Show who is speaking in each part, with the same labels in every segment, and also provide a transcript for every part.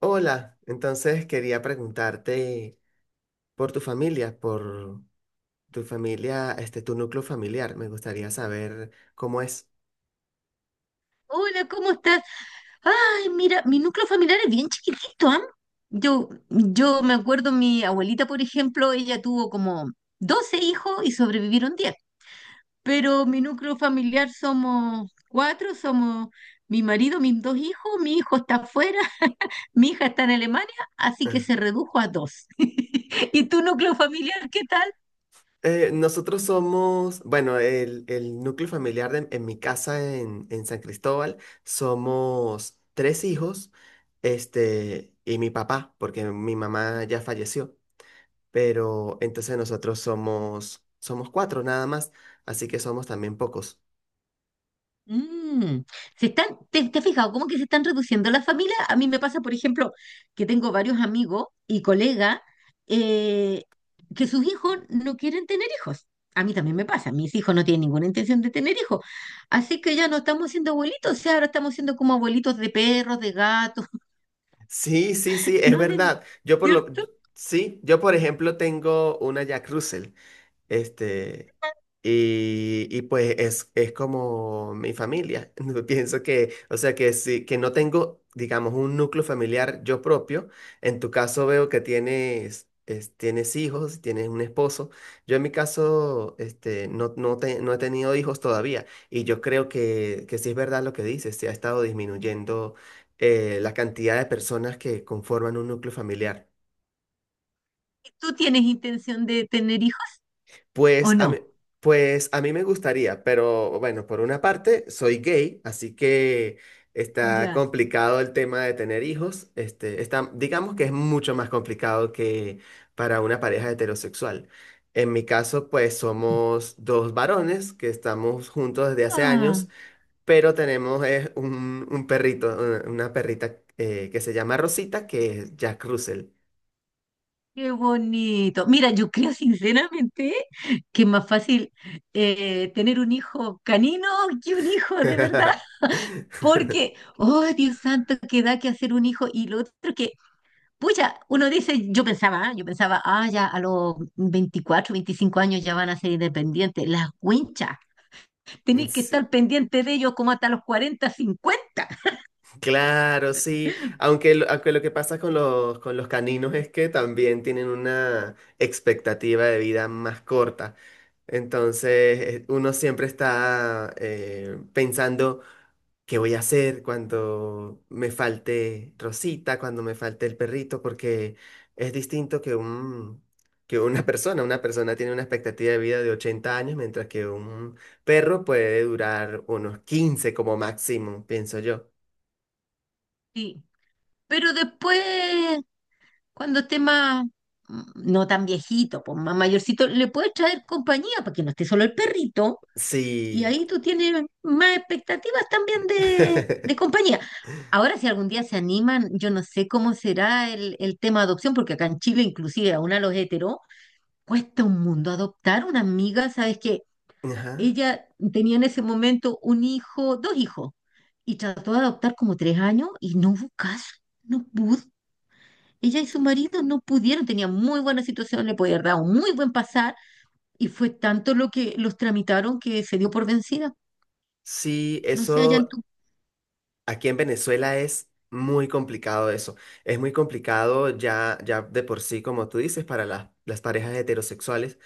Speaker 1: Hola, entonces quería preguntarte por tu familia, por tu núcleo familiar. Me gustaría saber cómo es.
Speaker 2: Hola, ¿cómo estás? Ay, mira, mi núcleo familiar es bien chiquitito, ¿ah? Yo me acuerdo, mi abuelita, por ejemplo, ella tuvo como 12 y sobrevivieron 10. Pero mi núcleo familiar somos cuatro, somos mi marido, mis dos hijos, mi hijo está afuera, mi hija está en Alemania, así que
Speaker 1: Ah.
Speaker 2: se redujo a dos. ¿Y tu núcleo familiar qué tal?
Speaker 1: Nosotros somos, bueno, el núcleo familiar en mi casa en San Cristóbal, somos tres hijos, y mi papá, porque mi mamá ya falleció, pero entonces nosotros somos, somos cuatro nada más, así que somos también pocos.
Speaker 2: Mm, se están, ¿te has fijado cómo que se están reduciendo las familias? A mí me pasa, por ejemplo, que tengo varios amigos y colegas eh, que sus hijos no quieren tener hijos. A mí también me pasa, mis hijos no tienen ninguna intención de tener hijos. Así que ya no estamos siendo abuelitos, o sea, ahora estamos siendo como abuelitos de perros, de gatos.
Speaker 1: Sí, sí, sí, es
Speaker 2: ¿No? De,
Speaker 1: verdad.
Speaker 2: ¿cierto?
Speaker 1: Sí, yo por ejemplo tengo una Jack Russell. Este, y pues es como mi familia. No pienso que, o sea, que sí, que no tengo, digamos, un núcleo familiar yo propio. En tu caso veo que tienes, tienes hijos, tienes un esposo. Yo en mi caso, no, no, no he tenido hijos todavía. Y yo creo que sí es verdad lo que dices, se ha estado disminuyendo la cantidad de personas que conforman un núcleo familiar.
Speaker 2: ¿Tú tienes intención de tener hijos o
Speaker 1: Pues a mí,
Speaker 2: no?
Speaker 1: pues a mí me gustaría, pero bueno, por una parte soy gay, así que está
Speaker 2: Ya.
Speaker 1: complicado el tema de tener hijos. Está, digamos que es mucho más complicado que para una pareja heterosexual. En mi caso, pues somos dos varones que estamos juntos desde hace
Speaker 2: Ah.
Speaker 1: años, pero tenemos un perrito, una perrita que se llama Rosita, que es Jack Russell.
Speaker 2: Qué bonito. Mira, yo creo sinceramente que es más fácil tener un hijo canino que un hijo de verdad, porque, oh Dios santo, que da que hacer un hijo. Y lo otro que, pucha, uno dice, yo pensaba, ah, ya a los 24, 25 ya van a ser independientes. Las winchas, tenéis que
Speaker 1: Sí.
Speaker 2: estar pendiente de ellos como hasta los 40, 50.
Speaker 1: Claro, sí. Aunque, aunque lo que pasa con los caninos es que también tienen una expectativa de vida más corta. Entonces, uno siempre está pensando qué voy a hacer cuando me falte Rosita, cuando me falte el perrito, porque es distinto que que una persona. Una persona tiene una expectativa de vida de 80 años, mientras que un perro puede durar unos 15 como máximo, pienso yo.
Speaker 2: Sí, pero después. Cuando esté más, mm, no tan viejito, pues más mayorcito, le puedes traer compañía para que no esté solo el perrito y
Speaker 1: Sí.
Speaker 2: ahí tú tienes más expectativas también de compañía. Ahora, si algún día se animan, yo no sé cómo será el tema de adopción, porque acá en Chile, inclusive, aún a los heteros, cuesta un mundo adoptar una amiga, ¿sabes que
Speaker 1: Ajá.
Speaker 2: Ella tenía en ese momento un hijo, dos hijos, y trató de adoptar como 3 y no hubo caso, no pudo. Ella y su marido no pudieron, tenían muy buena situación, le podían dar un muy buen pasar y fue tanto lo que los tramitaron que se dio por vencida.
Speaker 1: Sí,
Speaker 2: No sé, allá en
Speaker 1: eso
Speaker 2: tu...
Speaker 1: aquí en Venezuela es muy complicado eso. Es muy complicado ya, ya de por sí, como tú dices, para las parejas heterosexuales.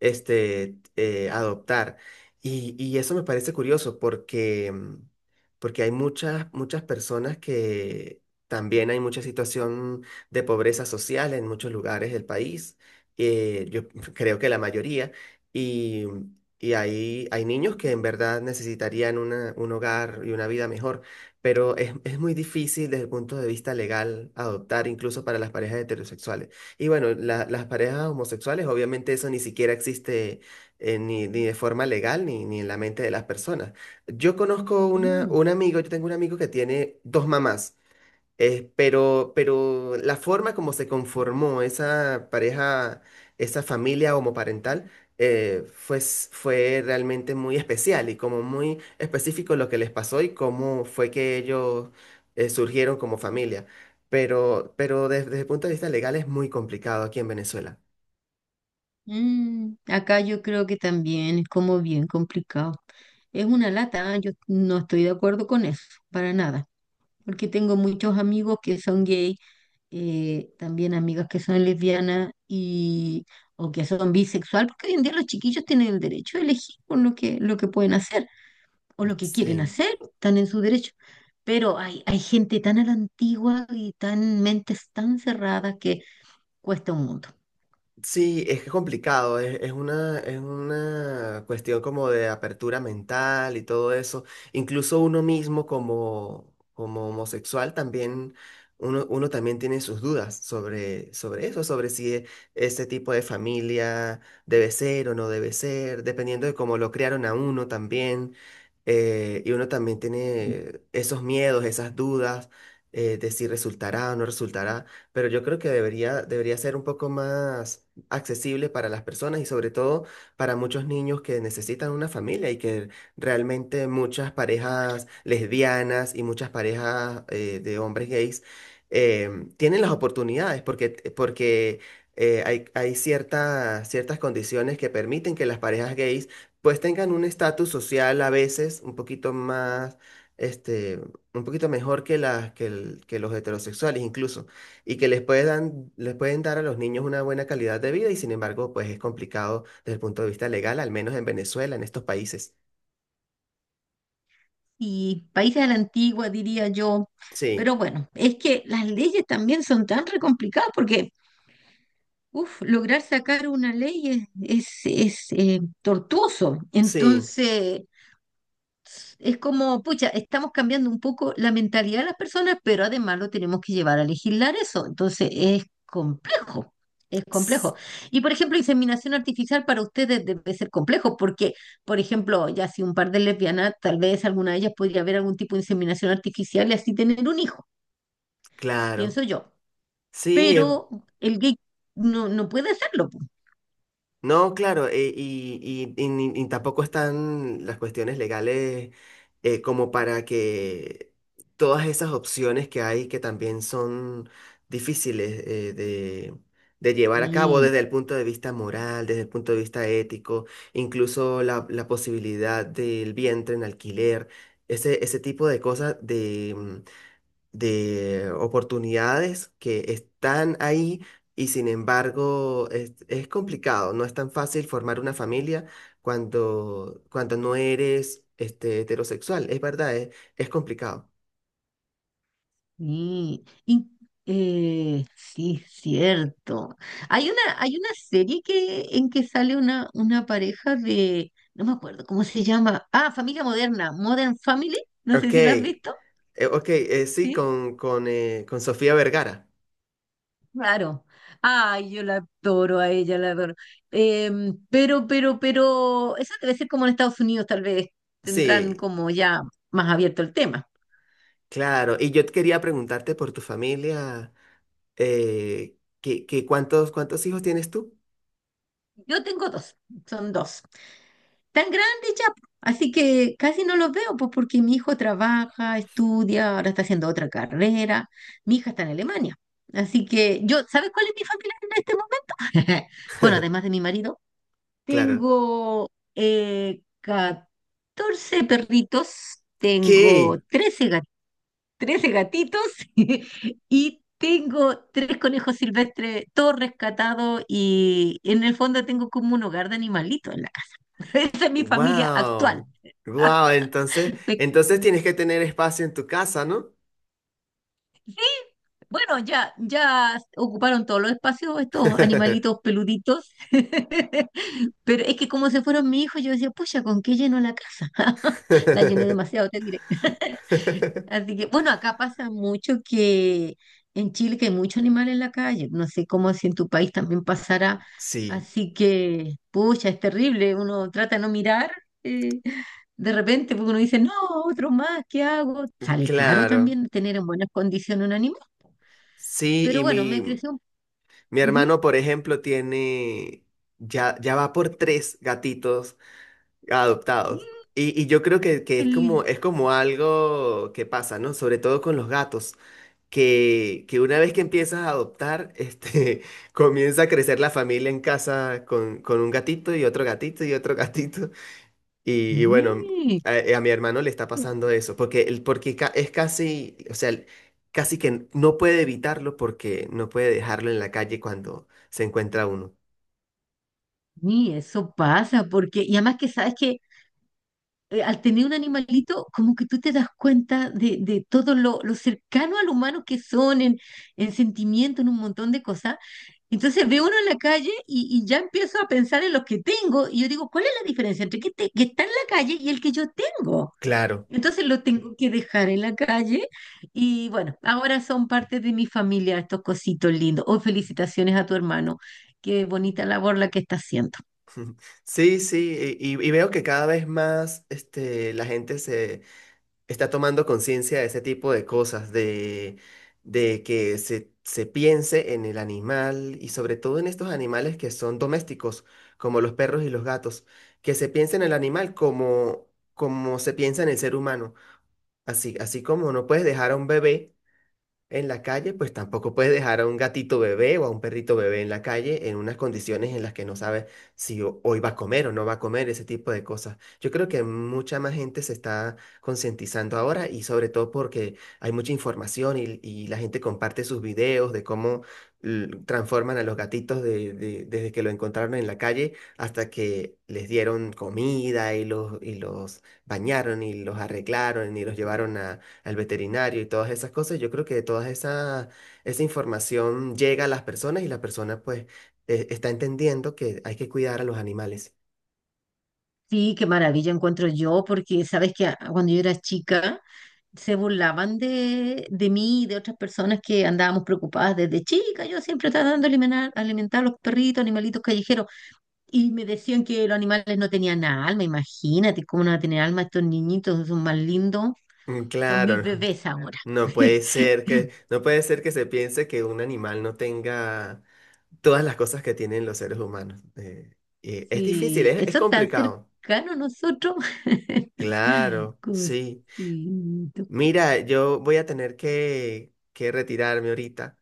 Speaker 1: Adoptar. Y eso me parece curioso porque, porque hay muchas, muchas personas que también hay mucha situación de pobreza social en muchos lugares del país. Yo creo que la mayoría. Y, y hay, hay niños que en verdad necesitarían un hogar y una vida mejor. Pero es muy difícil desde el punto de vista legal adoptar, incluso para las parejas heterosexuales. Y bueno, las parejas homosexuales, obviamente eso ni siquiera existe ni, ni de forma legal ni, ni en la mente de las personas. Yo conozco
Speaker 2: Mm,
Speaker 1: un amigo, yo tengo un amigo que tiene dos mamás. Pero la forma como se conformó esa pareja, esa familia homoparental, fue, fue realmente muy especial y como muy específico lo que les pasó y cómo fue que ellos surgieron como familia. Pero desde, desde el punto de vista legal es muy complicado aquí en Venezuela.
Speaker 2: mm. Acá yo creo que también es como bien complicado. Es una lata, ¿eh? Yo no estoy de acuerdo con eso, para nada, porque tengo muchos amigos que son gay, también amigas que son lesbianas y... o que son bisexual, porque hoy en día los chiquillos tienen el derecho de elegir por lo que pueden hacer. O lo que quieren
Speaker 1: Sí.
Speaker 2: hacer, están en su derecho. Pero hay gente tan a la antigua y tan mentes tan cerradas que cuesta un mundo.
Speaker 1: Sí, es que es complicado, es una cuestión como de apertura mental y todo eso. Incluso uno mismo como, como homosexual también, uno, uno también tiene sus dudas sobre, sobre eso, sobre si ese tipo de familia debe ser o no debe ser, dependiendo de cómo lo criaron a uno también. Y uno también
Speaker 2: Mm.
Speaker 1: tiene esos miedos, esas dudas de si resultará o no resultará. Pero yo creo que debería, debería ser un poco más accesible para las personas y sobre todo para muchos niños que necesitan una familia y que realmente muchas parejas lesbianas y muchas parejas de hombres gays eh, tienen las oportunidades porque, porque hay, hay ciertas, ciertas condiciones que permiten que las parejas gays pues tengan un estatus social a veces un poquito más, este, un poquito mejor que, las, que, que los heterosexuales incluso y que les pueden, les pueden dar a los niños una buena calidad de vida y sin embargo, pues es complicado desde el punto de vista legal, al menos en Venezuela, en estos países.
Speaker 2: Y países a la antigua, diría yo.
Speaker 1: Sí,
Speaker 2: Pero bueno, es que las leyes también son tan re complicadas porque, uf, lograr sacar una ley es, tortuoso.
Speaker 1: sí,
Speaker 2: Entonces, es como, pucha, estamos cambiando un poco la mentalidad de las personas, pero además lo tenemos que llevar a legislar eso. Entonces es complejo, es
Speaker 1: ts-
Speaker 2: complejo. Y por ejemplo, inseminación artificial para ustedes debe ser complejo, porque, por ejemplo, ya si un par de lesbianas, tal vez alguna de ellas podría haber algún tipo de inseminación artificial y así tener un hijo,
Speaker 1: claro.
Speaker 2: pienso yo.
Speaker 1: Sí, es,
Speaker 2: Pero el gay no, no puede hacerlo. Pues.
Speaker 1: no, claro, y, y ni tampoco están las cuestiones legales como para que todas esas opciones que hay que también son difíciles de llevar a cabo
Speaker 2: Sí,
Speaker 1: desde el punto de vista moral, desde el punto de vista ético, incluso la, la posibilidad del vientre en alquiler, ese tipo de cosas de oportunidades que están ahí y sin embargo es complicado, no es tan fácil formar una familia cuando, cuando no eres heterosexual, es verdad, es complicado.
Speaker 2: sí, y, sí, cierto. Hay una serie que, en que sale una pareja de, no me acuerdo cómo se llama. Ah, Familia Moderna, Modern Family. No
Speaker 1: Ok,
Speaker 2: sé si la has visto.
Speaker 1: ok, sí,
Speaker 2: Sí,
Speaker 1: con Sofía Vergara.
Speaker 2: claro. Ay, yo la adoro a ella, la adoro. Pero esa debe ser como en Estados Unidos, tal vez tendrán
Speaker 1: Sí,
Speaker 2: como ya más abierto el tema.
Speaker 1: claro, y yo te quería preguntarte por tu familia, que cuántos, ¿cuántos hijos tienes tú?
Speaker 2: Yo tengo dos, son dos. Tan grandes ya, po. Así que casi no los veo, pues porque mi hijo trabaja, estudia, ahora está haciendo otra carrera, mi hija está en Alemania. Así que yo, ¿sabes cuál es mi familia en este momento? Bueno, además de mi marido,
Speaker 1: Claro.
Speaker 2: tengo 14 perritos, tengo
Speaker 1: ¿Qué?
Speaker 2: 13 gatitos y tengo tres conejos silvestres, todos rescatados y en el fondo tengo como un hogar de animalitos en la casa. Esa es mi familia actual.
Speaker 1: Wow. Wow, entonces,
Speaker 2: Me-
Speaker 1: entonces tienes que tener espacio en tu casa, ¿no?
Speaker 2: Bueno, ya, ya ocuparon todos los espacios estos animalitos peluditos, pero es que como se fueron mis hijos, yo decía, pucha, ¿con qué lleno la casa? La llené demasiado, te diré. Así que, bueno, acá pasa mucho que en Chile que hay mucho animal en la calle. No sé cómo si en tu país también pasará.
Speaker 1: Sí,
Speaker 2: Así que, pucha, es terrible. Uno trata de no mirar. eh, de repente, porque uno dice, no, otro más, ¿qué hago? Sale caro
Speaker 1: claro.
Speaker 2: también tener en buenas condiciones un animal.
Speaker 1: Sí,
Speaker 2: Pero
Speaker 1: y
Speaker 2: bueno,
Speaker 1: mi,
Speaker 2: me creció.
Speaker 1: mi
Speaker 2: Ujú.
Speaker 1: hermano, por ejemplo, tiene, ya, ya va por tres gatitos adoptados. Y yo creo que
Speaker 2: Ni,
Speaker 1: es como algo que pasa, ¿no? Sobre todo con los gatos. Que una vez que empiezas a adoptar, comienza a crecer la familia en casa con un gatito y otro gatito y otro gatito. Y bueno,
Speaker 2: ni
Speaker 1: a mi hermano le está pasando eso, porque, porque es casi, o sea, casi que no puede evitarlo porque no puede dejarlo en la calle cuando se encuentra uno.
Speaker 2: ni, eso pasa, porque, y además que sabes que al tener un animalito, como que tú te das cuenta de todo lo cercano al humano que son en sentimiento, en un montón de cosas. Entonces veo uno en la calle y ya empiezo a pensar en los que tengo y yo digo, ¿cuál es la diferencia entre que, que está en la calle y el que yo tengo?
Speaker 1: Claro.
Speaker 2: Entonces lo tengo que dejar en la calle y bueno, ahora son parte de mi familia estos cositos lindos. Oh, felicitaciones a tu hermano. Qué bonita labor la que está haciendo.
Speaker 1: Sí, sí, y, y veo que cada vez más la gente está tomando conciencia de ese tipo de cosas, de que se piense en el animal y sobre todo en estos animales que son domésticos, como los perros y los gatos, que se piense en el animal como, como se piensa en el ser humano. Así, así como no puedes dejar a un bebé en la calle, pues tampoco puedes dejar a un gatito bebé o a un perrito bebé en la calle en unas condiciones en las que no sabes si hoy va a comer o no va a comer, ese tipo de cosas. Yo creo que mucha más gente se está concientizando ahora y sobre todo porque hay mucha información y la gente comparte sus videos de cómo transforman a los gatitos desde que lo encontraron en la calle hasta que les dieron comida y los bañaron y los arreglaron y los llevaron al veterinario y todas esas cosas, yo creo que toda esa, esa información llega a las personas y la persona pues está entendiendo que hay que cuidar a los animales.
Speaker 2: Sí, qué maravilla encuentro yo, porque sabes que cuando yo era chica se burlaban de mí y de otras personas que andábamos preocupadas desde chica. Yo siempre estaba dando alimentar, alimentar a los perritos, animalitos callejeros, y me decían que los animales no tenían alma. Imagínate cómo no van a tener alma estos niñitos, son más lindos,
Speaker 1: Mm,
Speaker 2: son mis
Speaker 1: claro,
Speaker 2: bebés ahora.
Speaker 1: no puede ser que, no puede ser que se piense que un animal no tenga todas las cosas que tienen los seres humanos. Es difícil,
Speaker 2: Sí,
Speaker 1: es
Speaker 2: eso tan
Speaker 1: complicado.
Speaker 2: cercano a nosotros.
Speaker 1: Claro, sí.
Speaker 2: Cosito.
Speaker 1: Mira, yo voy a tener que retirarme ahorita,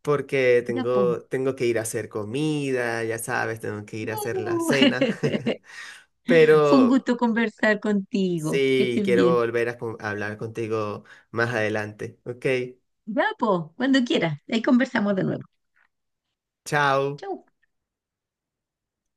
Speaker 1: porque
Speaker 2: Ya, po.
Speaker 1: tengo, tengo que ir a hacer comida, ya sabes, tengo que ir a hacer la
Speaker 2: Uh,
Speaker 1: cena.
Speaker 2: fue un
Speaker 1: Pero
Speaker 2: gusto conversar contigo. Que
Speaker 1: sí,
Speaker 2: estés
Speaker 1: quiero
Speaker 2: bien.
Speaker 1: volver a hablar contigo más adelante. Ok,
Speaker 2: Ya, po, cuando quieras. Ahí conversamos de nuevo.
Speaker 1: chao.
Speaker 2: Chau.